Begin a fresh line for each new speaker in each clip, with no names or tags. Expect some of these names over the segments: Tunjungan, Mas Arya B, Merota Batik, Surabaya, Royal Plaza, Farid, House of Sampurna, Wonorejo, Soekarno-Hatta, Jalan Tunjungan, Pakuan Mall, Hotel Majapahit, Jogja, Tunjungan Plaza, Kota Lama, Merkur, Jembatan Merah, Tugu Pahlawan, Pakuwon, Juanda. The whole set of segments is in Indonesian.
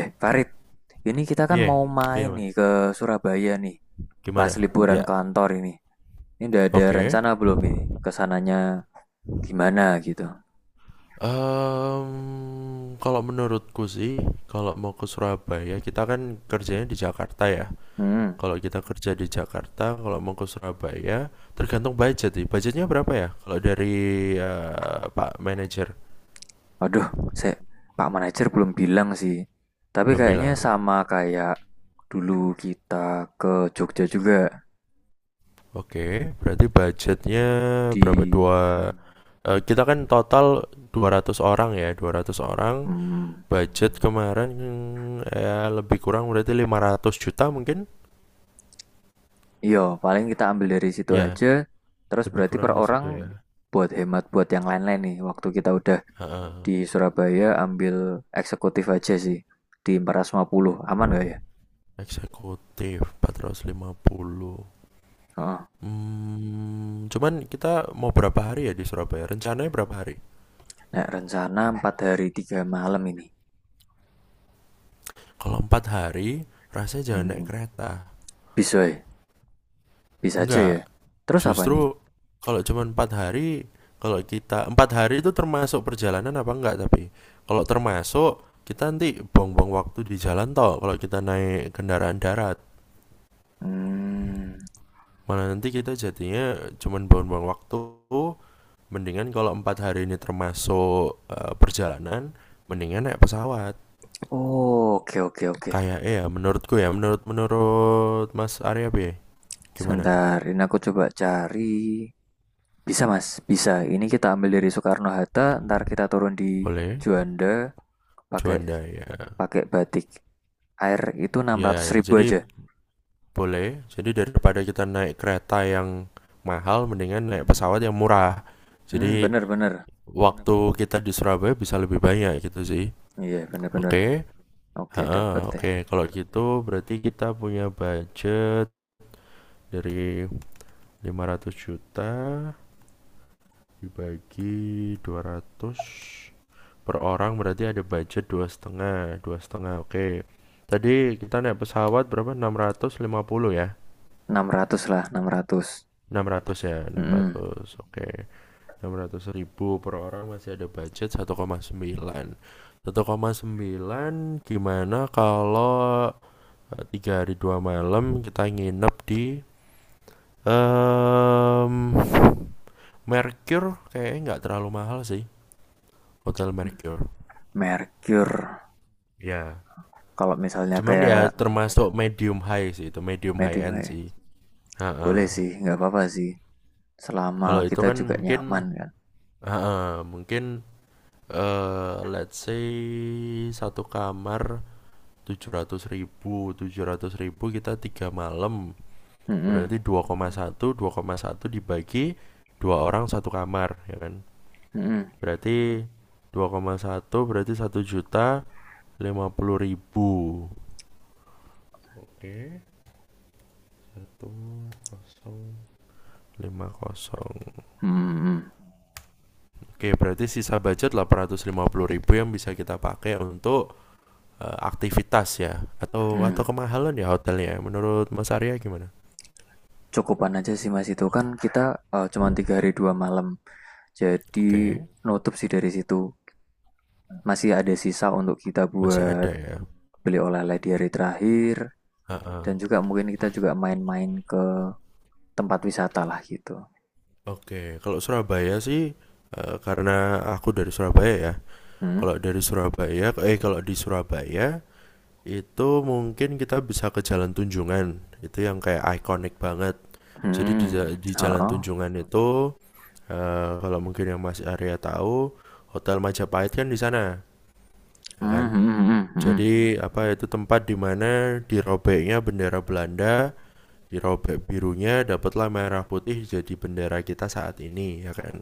Eh, Farid, ini kita kan
Piye?
mau main
Piye, Mas?
nih ke Surabaya nih, pas
Gimana?
liburan
Ya,
kantor ini. Ini udah ada
oke.
rencana belum ini? Kesananya gimana gitu?
Em, kalau menurutku sih, kalau mau ke Surabaya, kita kan kerjanya di Jakarta ya.
Hmm,
Kalau kita kerja di Jakarta, kalau mau ke Surabaya, tergantung budget sih. Budgetnya berapa ya? Kalau dari Pak Manager
aduh, saya, Pak Manajer belum bilang sih. Tapi
belum
kayaknya
bilang.
sama kayak dulu kita ke Jogja juga
Oke, berarti budgetnya berapa?
di,
Dua. Kita kan total 200 orang ya, 200 orang.
hmm,
Budget kemarin ya lebih kurang berarti 500 juta mungkin,
iya, paling kita ambil dari situ
ya
aja. Terus
lebih
berarti per
kurang di
orang
situ ya.
buat hemat buat yang lain-lain nih. Waktu kita udah
Heeh.
di Surabaya ambil eksekutif aja sih, di 450. Aman gak ya?
Eksekutif 450.
Oh.
Cuman kita mau berapa hari ya di Surabaya, rencananya berapa hari?
Nah, rencana 4 hari 3 malam ini.
Kalau empat hari rasanya jangan naik
Hmm,
kereta.
bisa ya? Bisa aja
Enggak.
ya? Terus apa
Justru
nih?
kalau cuma empat hari, kalau kita empat hari itu termasuk perjalanan apa enggak? Tapi kalau termasuk, kita nanti buang-buang waktu di jalan toh. Kalau kita naik kendaraan darat,
Hmm,
malah nanti kita jadinya cuma buang-buang waktu. Mendingan kalau empat hari ini termasuk perjalanan, mendingan naik pesawat.
oh, oke oke oke.
Kayak ya menurutku ya, menurut menurut Mas Arya B, gimana?
Sebentar, ini aku coba cari. Bisa mas, bisa. Ini kita ambil dari Soekarno-Hatta, ntar kita turun di
Boleh?
Juanda, pakai
Juanda ya.
pakai batik. Air itu enam
Ya
ratus
ya,
ribu
jadi
aja.
boleh. Jadi daripada kita naik kereta yang mahal, mendingan naik pesawat yang murah.
Hmm,
Jadi
bener bener.
waktu kita di Surabaya bisa lebih banyak gitu sih.
Iya, bener bener.
Oke.
Oke,
Heeh,
dapat ya.
oke. Kalau gitu berarti kita punya budget dari 500 juta dibagi 200 per orang, berarti ada budget dua setengah, dua setengah. Oke. Tadi kita naik pesawat berapa? 650 ya.
600 lah, 600.
600 ya, enam
Mhm.
ratus Oke. 600 ribu per orang, masih ada budget satu satu koma sembilan, satu koma sembilan. Gimana kalau 3 hari 2 malam kita nginep di em Mercure? Kayaknya nggak terlalu mahal sih, hotel Mercure
Merkur.
ya.
Kalau misalnya
Cuman
kayak
ya termasuk medium high sih, itu medium high
medium
end
ya,
sih.
boleh sih, nggak apa-apa sih. Selama
Kalau itu
kita
kan
juga
mungkin
nyaman kan.
ha-ha, mungkin let's say satu kamar 700 ribu, 700 ribu kita 3 malam,
Mhm,
berarti dua dua koma satu, dua koma satu dibagi 2 orang satu kamar ya kan.
mhm,
Berarti dua koma satu berarti 1.050.000. Oke, satu kosong lima kosong.
mhm, mhm,
Oke, berarti sisa budget 850 ribu yang bisa kita pakai untuk aktivitas ya, atau
mhm.
kemahalan ya hotelnya, menurut Mas Arya gimana?
Cukupan aja sih Mas, itu kan kita cuma 3 hari 2 malam. Jadi
Oke.
nutup sih dari situ. Masih ada sisa untuk kita
Masih
buat
ada ya.
beli oleh-oleh di hari terakhir
Ha-ha.
dan juga mungkin kita juga main-main ke tempat wisata lah gitu.
Oke, kalau Surabaya sih, karena aku dari Surabaya ya.
Hmm.
Kalau dari Surabaya, kalau di Surabaya itu mungkin kita bisa ke Jalan Tunjungan. Itu yang kayak ikonik banget. Jadi di
Mhm,
di Jalan
heeh,
Tunjungan itu kalau mungkin yang Mas Arya tahu, Hotel Majapahit kan di sana, ya kan?
hmm, hmm, hmm,
Jadi apa itu tempat di mana dirobeknya bendera Belanda, dirobek birunya, dapatlah merah putih jadi bendera kita saat ini, ya kan?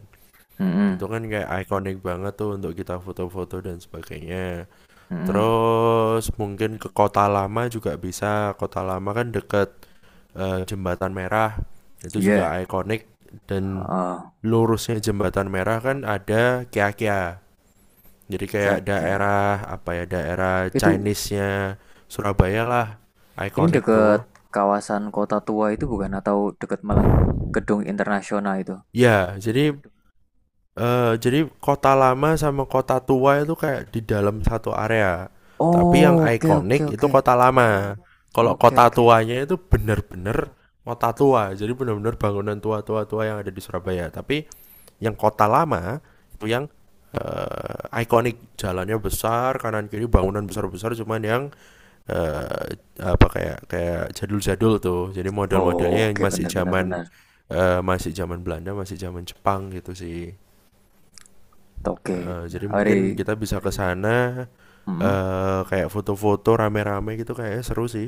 hmm, hmm,
Itu kan kayak ikonik banget tuh untuk kita foto-foto dan sebagainya.
mhm,
Terus mungkin ke Kota Lama juga bisa. Kota Lama kan deket Jembatan Merah. Itu juga
iya,
ikonik dan
heeh,
lurusnya Jembatan Merah kan ada Kia-Kia. Jadi kayak
Jogja.
daerah apa ya, daerah
Itu
Chinese-nya Surabaya lah.
ini
Ikonik
dekat
tuh.
kawasan kota tua itu bukan, atau dekat malah gedung internasional itu?
Ya, jadi kota lama sama kota tua itu kayak di dalam satu area. Tapi yang
Oh, oke oke
ikonik itu
oke,
kota lama. Kalau
oke
kota
oke.
tuanya itu bener-bener kota tua. Jadi bener-bener bangunan tua-tua-tua yang ada di Surabaya. Tapi yang kota lama itu yang ikonik, jalannya besar, kanan kiri bangunan besar-besar. Cuman yang eh, apa, kayak kayak jadul-jadul tuh. Jadi model-modelnya yang
Oke,
masih
benar-benar,
zaman
benar, benar.
eh, masih zaman Belanda, masih zaman Jepang gitu sih.
Oke.
Heeh, jadi
Hari
mungkin kita bisa ke sana
hmm,
kayak foto-foto rame-rame gitu kayaknya seru sih.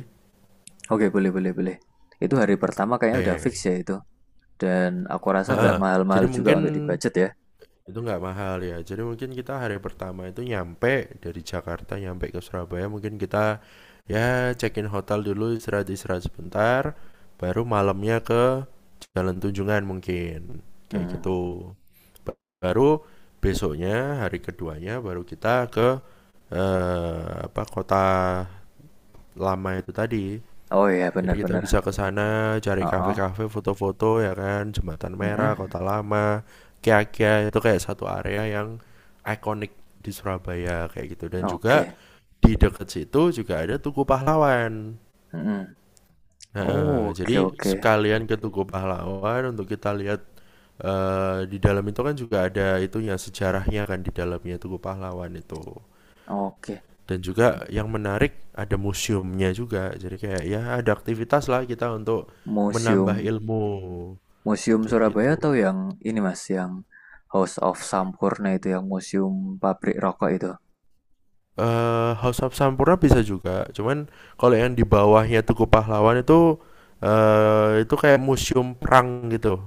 oke boleh boleh boleh. Itu hari pertama kayaknya udah fix
Oke.
ya itu, dan aku rasa nggak
Heeh.
mahal-mahal
Jadi
juga
mungkin
untuk di-budget ya?
itu nggak mahal ya. Jadi mungkin kita hari pertama itu nyampe dari Jakarta nyampe ke Surabaya, mungkin kita ya check-in hotel dulu istirahat-istirahat sebentar, baru malamnya ke Jalan Tunjungan mungkin. Kayak
Hmm,
gitu. Baru besoknya hari keduanya baru kita ke apa, kota lama itu tadi.
oh iya
Jadi kita
benar-benar,
bisa ke sana cari
heeh,
kafe-kafe, foto-foto ya kan, Jembatan Merah, Kota
mhm.
Lama, Kia-kia itu kayak satu area yang ikonik di Surabaya kayak gitu, dan juga
Oke,
di dekat situ juga ada Tugu Pahlawan.
mhm. Oh,
Nah,
oke
jadi
oke.
sekalian ke Tugu Pahlawan untuk kita lihat di dalam itu kan juga ada itunya sejarahnya kan, di dalamnya Tugu Pahlawan itu.
Oke.
Dan juga yang menarik ada museumnya juga, jadi kayak ya ada aktivitas lah kita untuk menambah
Museum
ilmu
Museum
kayak
Surabaya
gitu.
atau yang ini Mas, yang House of Sampurna itu yang museum pabrik rokok itu?
House of Sampurna bisa juga, cuman kalau yang di bawahnya Tugu Pahlawan itu itu kayak museum perang gitu,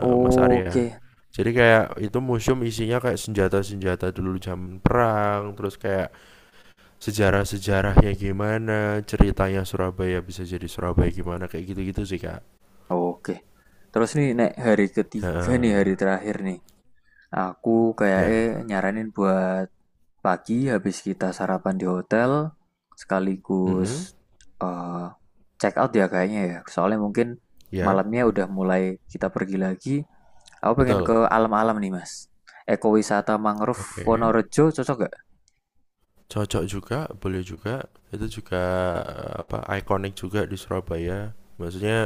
Mas
Oke,
Arya, jadi kayak itu museum isinya kayak senjata-senjata dulu zaman perang, terus kayak sejarah-sejarahnya gimana ceritanya Surabaya bisa jadi Surabaya gimana, kayak gitu-gitu sih kak.
oke. Terus nih, Nek, hari ketiga nih,
Heeh.
hari terakhir nih. Aku
Ya.
kayaknya nyaranin buat pagi habis kita sarapan di hotel,
Mm-mm.
sekaligus eh, check out ya kayaknya ya. Soalnya mungkin
Ya,
malamnya udah mulai kita pergi lagi. Aku pengen
betul.
ke alam-alam nih, Mas. Ekowisata mangrove
Oke.
Wonorejo cocok gak?
Cocok juga, boleh juga. Itu juga apa, ikonik juga di Surabaya. Maksudnya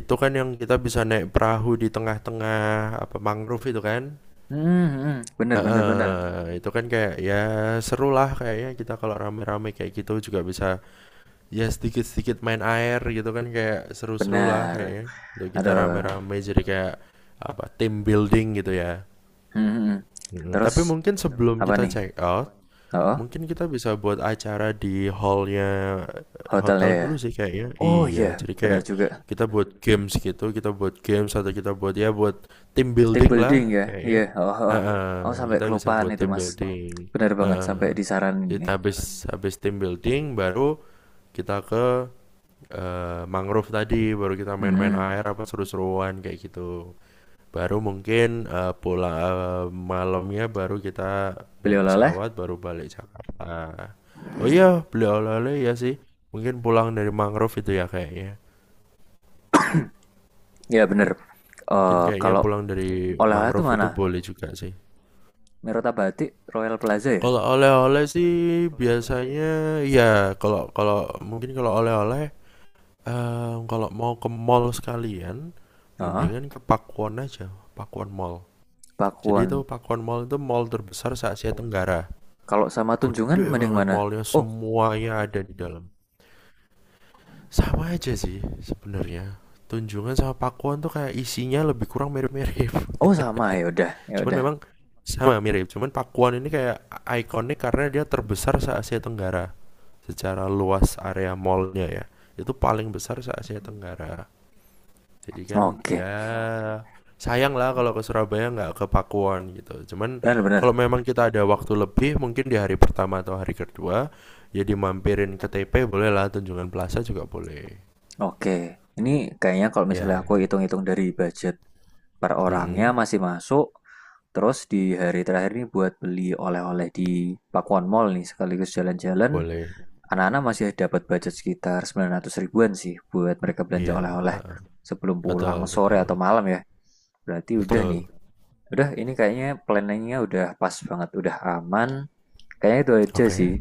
itu kan yang kita bisa naik perahu di tengah-tengah apa mangrove itu kan.
Hmm, hmm, bener, bener, bener.
Heeh, itu kan kayak ya seru lah kayaknya kita kalau rame-rame kayak gitu juga bisa ya sedikit-sedikit main air gitu kan, kayak seru-seru lah
Bener.
kayaknya untuk kita
Aduh.
rame-rame, jadi kayak apa team building gitu ya.
Hmm, hmm, hmm. Terus,
Tapi mungkin sebelum
apa
kita
nih?
check out,
Oh,
mungkin kita bisa buat acara di hallnya
hotelnya
hotel
ya?
dulu sih kayaknya.
Oh
Iya,
iya,
jadi
bener
kayak
juga.
kita buat games gitu, kita buat games atau kita buat ya buat team
Team
building
building
lah
ya?
kayaknya.
Iya, oh, oh. Oh,
Heeh,
sampai
kita bisa
kelupaan
buat
itu,
team
Mas.
building.
Bener banget,
Heeh.
sampai disaranin
Jadi
ini.
habis habis team building baru kita ke mangrove tadi, baru kita
Hmm,
main-main
hmm.
air apa seru-seruan kayak gitu. Baru mungkin, pulang, malamnya baru kita
Beli
naik
oleh-oleh?
pesawat, baru balik Jakarta. Oh iya, beli oleh-oleh ya sih, mungkin pulang dari mangrove itu ya kayaknya.
Ya, bener.
Mungkin
Eh,
kayaknya
kalau
pulang dari
oleh-oleh tuh
mangrove itu
mana?
boleh juga sih.
Merota Batik, Royal Plaza ya?
Kalau oleh-oleh sih biasanya ya, kalau kalau mungkin kalau oleh-oleh, kalau mau ke mall sekalian,
Oh,
mendingan ke Pakuwon aja, Pakuwon Mall. Jadi
Pakuan.
itu Pakuwon Mall itu mall terbesar se-Asia Tenggara.
Kalau sama Tunjungan
Gede
mending
banget
mana?
mallnya,
Oh,
semuanya ada di dalam. Sama aja sih sebenarnya, Tunjungan sama Pakuan tuh kayak isinya lebih kurang mirip-mirip.
oh sama ya udah, ya
Cuman
udah.
memang sama mirip, cuman Pakuan ini kayak ikonik karena dia terbesar se Asia Tenggara, secara luas area mallnya ya, itu paling besar se Asia Tenggara. Jadi kan
Oke.
ya sayang lah kalau ke Surabaya nggak ke Pakuwon gitu. Cuman
Benar-benar.
kalau memang kita ada waktu lebih, mungkin di hari pertama atau hari kedua ya dimampirin ke TP boleh lah, Tunjungan Plaza juga boleh.
Oke. Ini kayaknya kalau misalnya
Ya,
aku hitung-hitung dari budget per orangnya
mm-mm,
masih masuk. Terus di hari terakhir ini buat beli oleh-oleh di Pakuan Mall nih sekaligus jalan-jalan.
boleh.
Anak-anak masih dapat budget sekitar 900 ribuan sih buat mereka belanja
Iya,
oleh-oleh
heeh.
sebelum
Betul,
pulang sore
betul,
atau malam ya. Berarti udah nih.
betul.
Udah, ini kayaknya planningnya udah pas banget, udah aman. Kayaknya itu aja
Oke,
sih.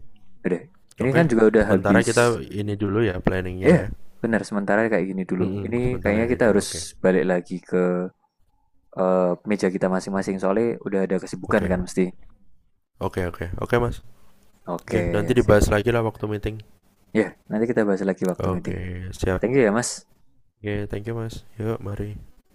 Udah, ini
oke.
kan juga udah
Sementara
habis.
kita ini dulu ya planningnya
Eh,
ya.
benar sementara kayak gini dulu.
Mm-mm,
Ini
sementara
kayaknya
ini
kita
dulu. Oke,
harus balik lagi ke meja kita masing-masing soalnya udah ada kesibukan kan
oke,
mesti.
oke, oke, oke Mas. Oke, nanti
Oke, sip.
dibahas lagi lah waktu meeting.
Ya, nanti kita bahas lagi waktu meeting.
Oke, siap.
Thank you ya, Mas.
Oke, thank you Mas. Yuk, mari.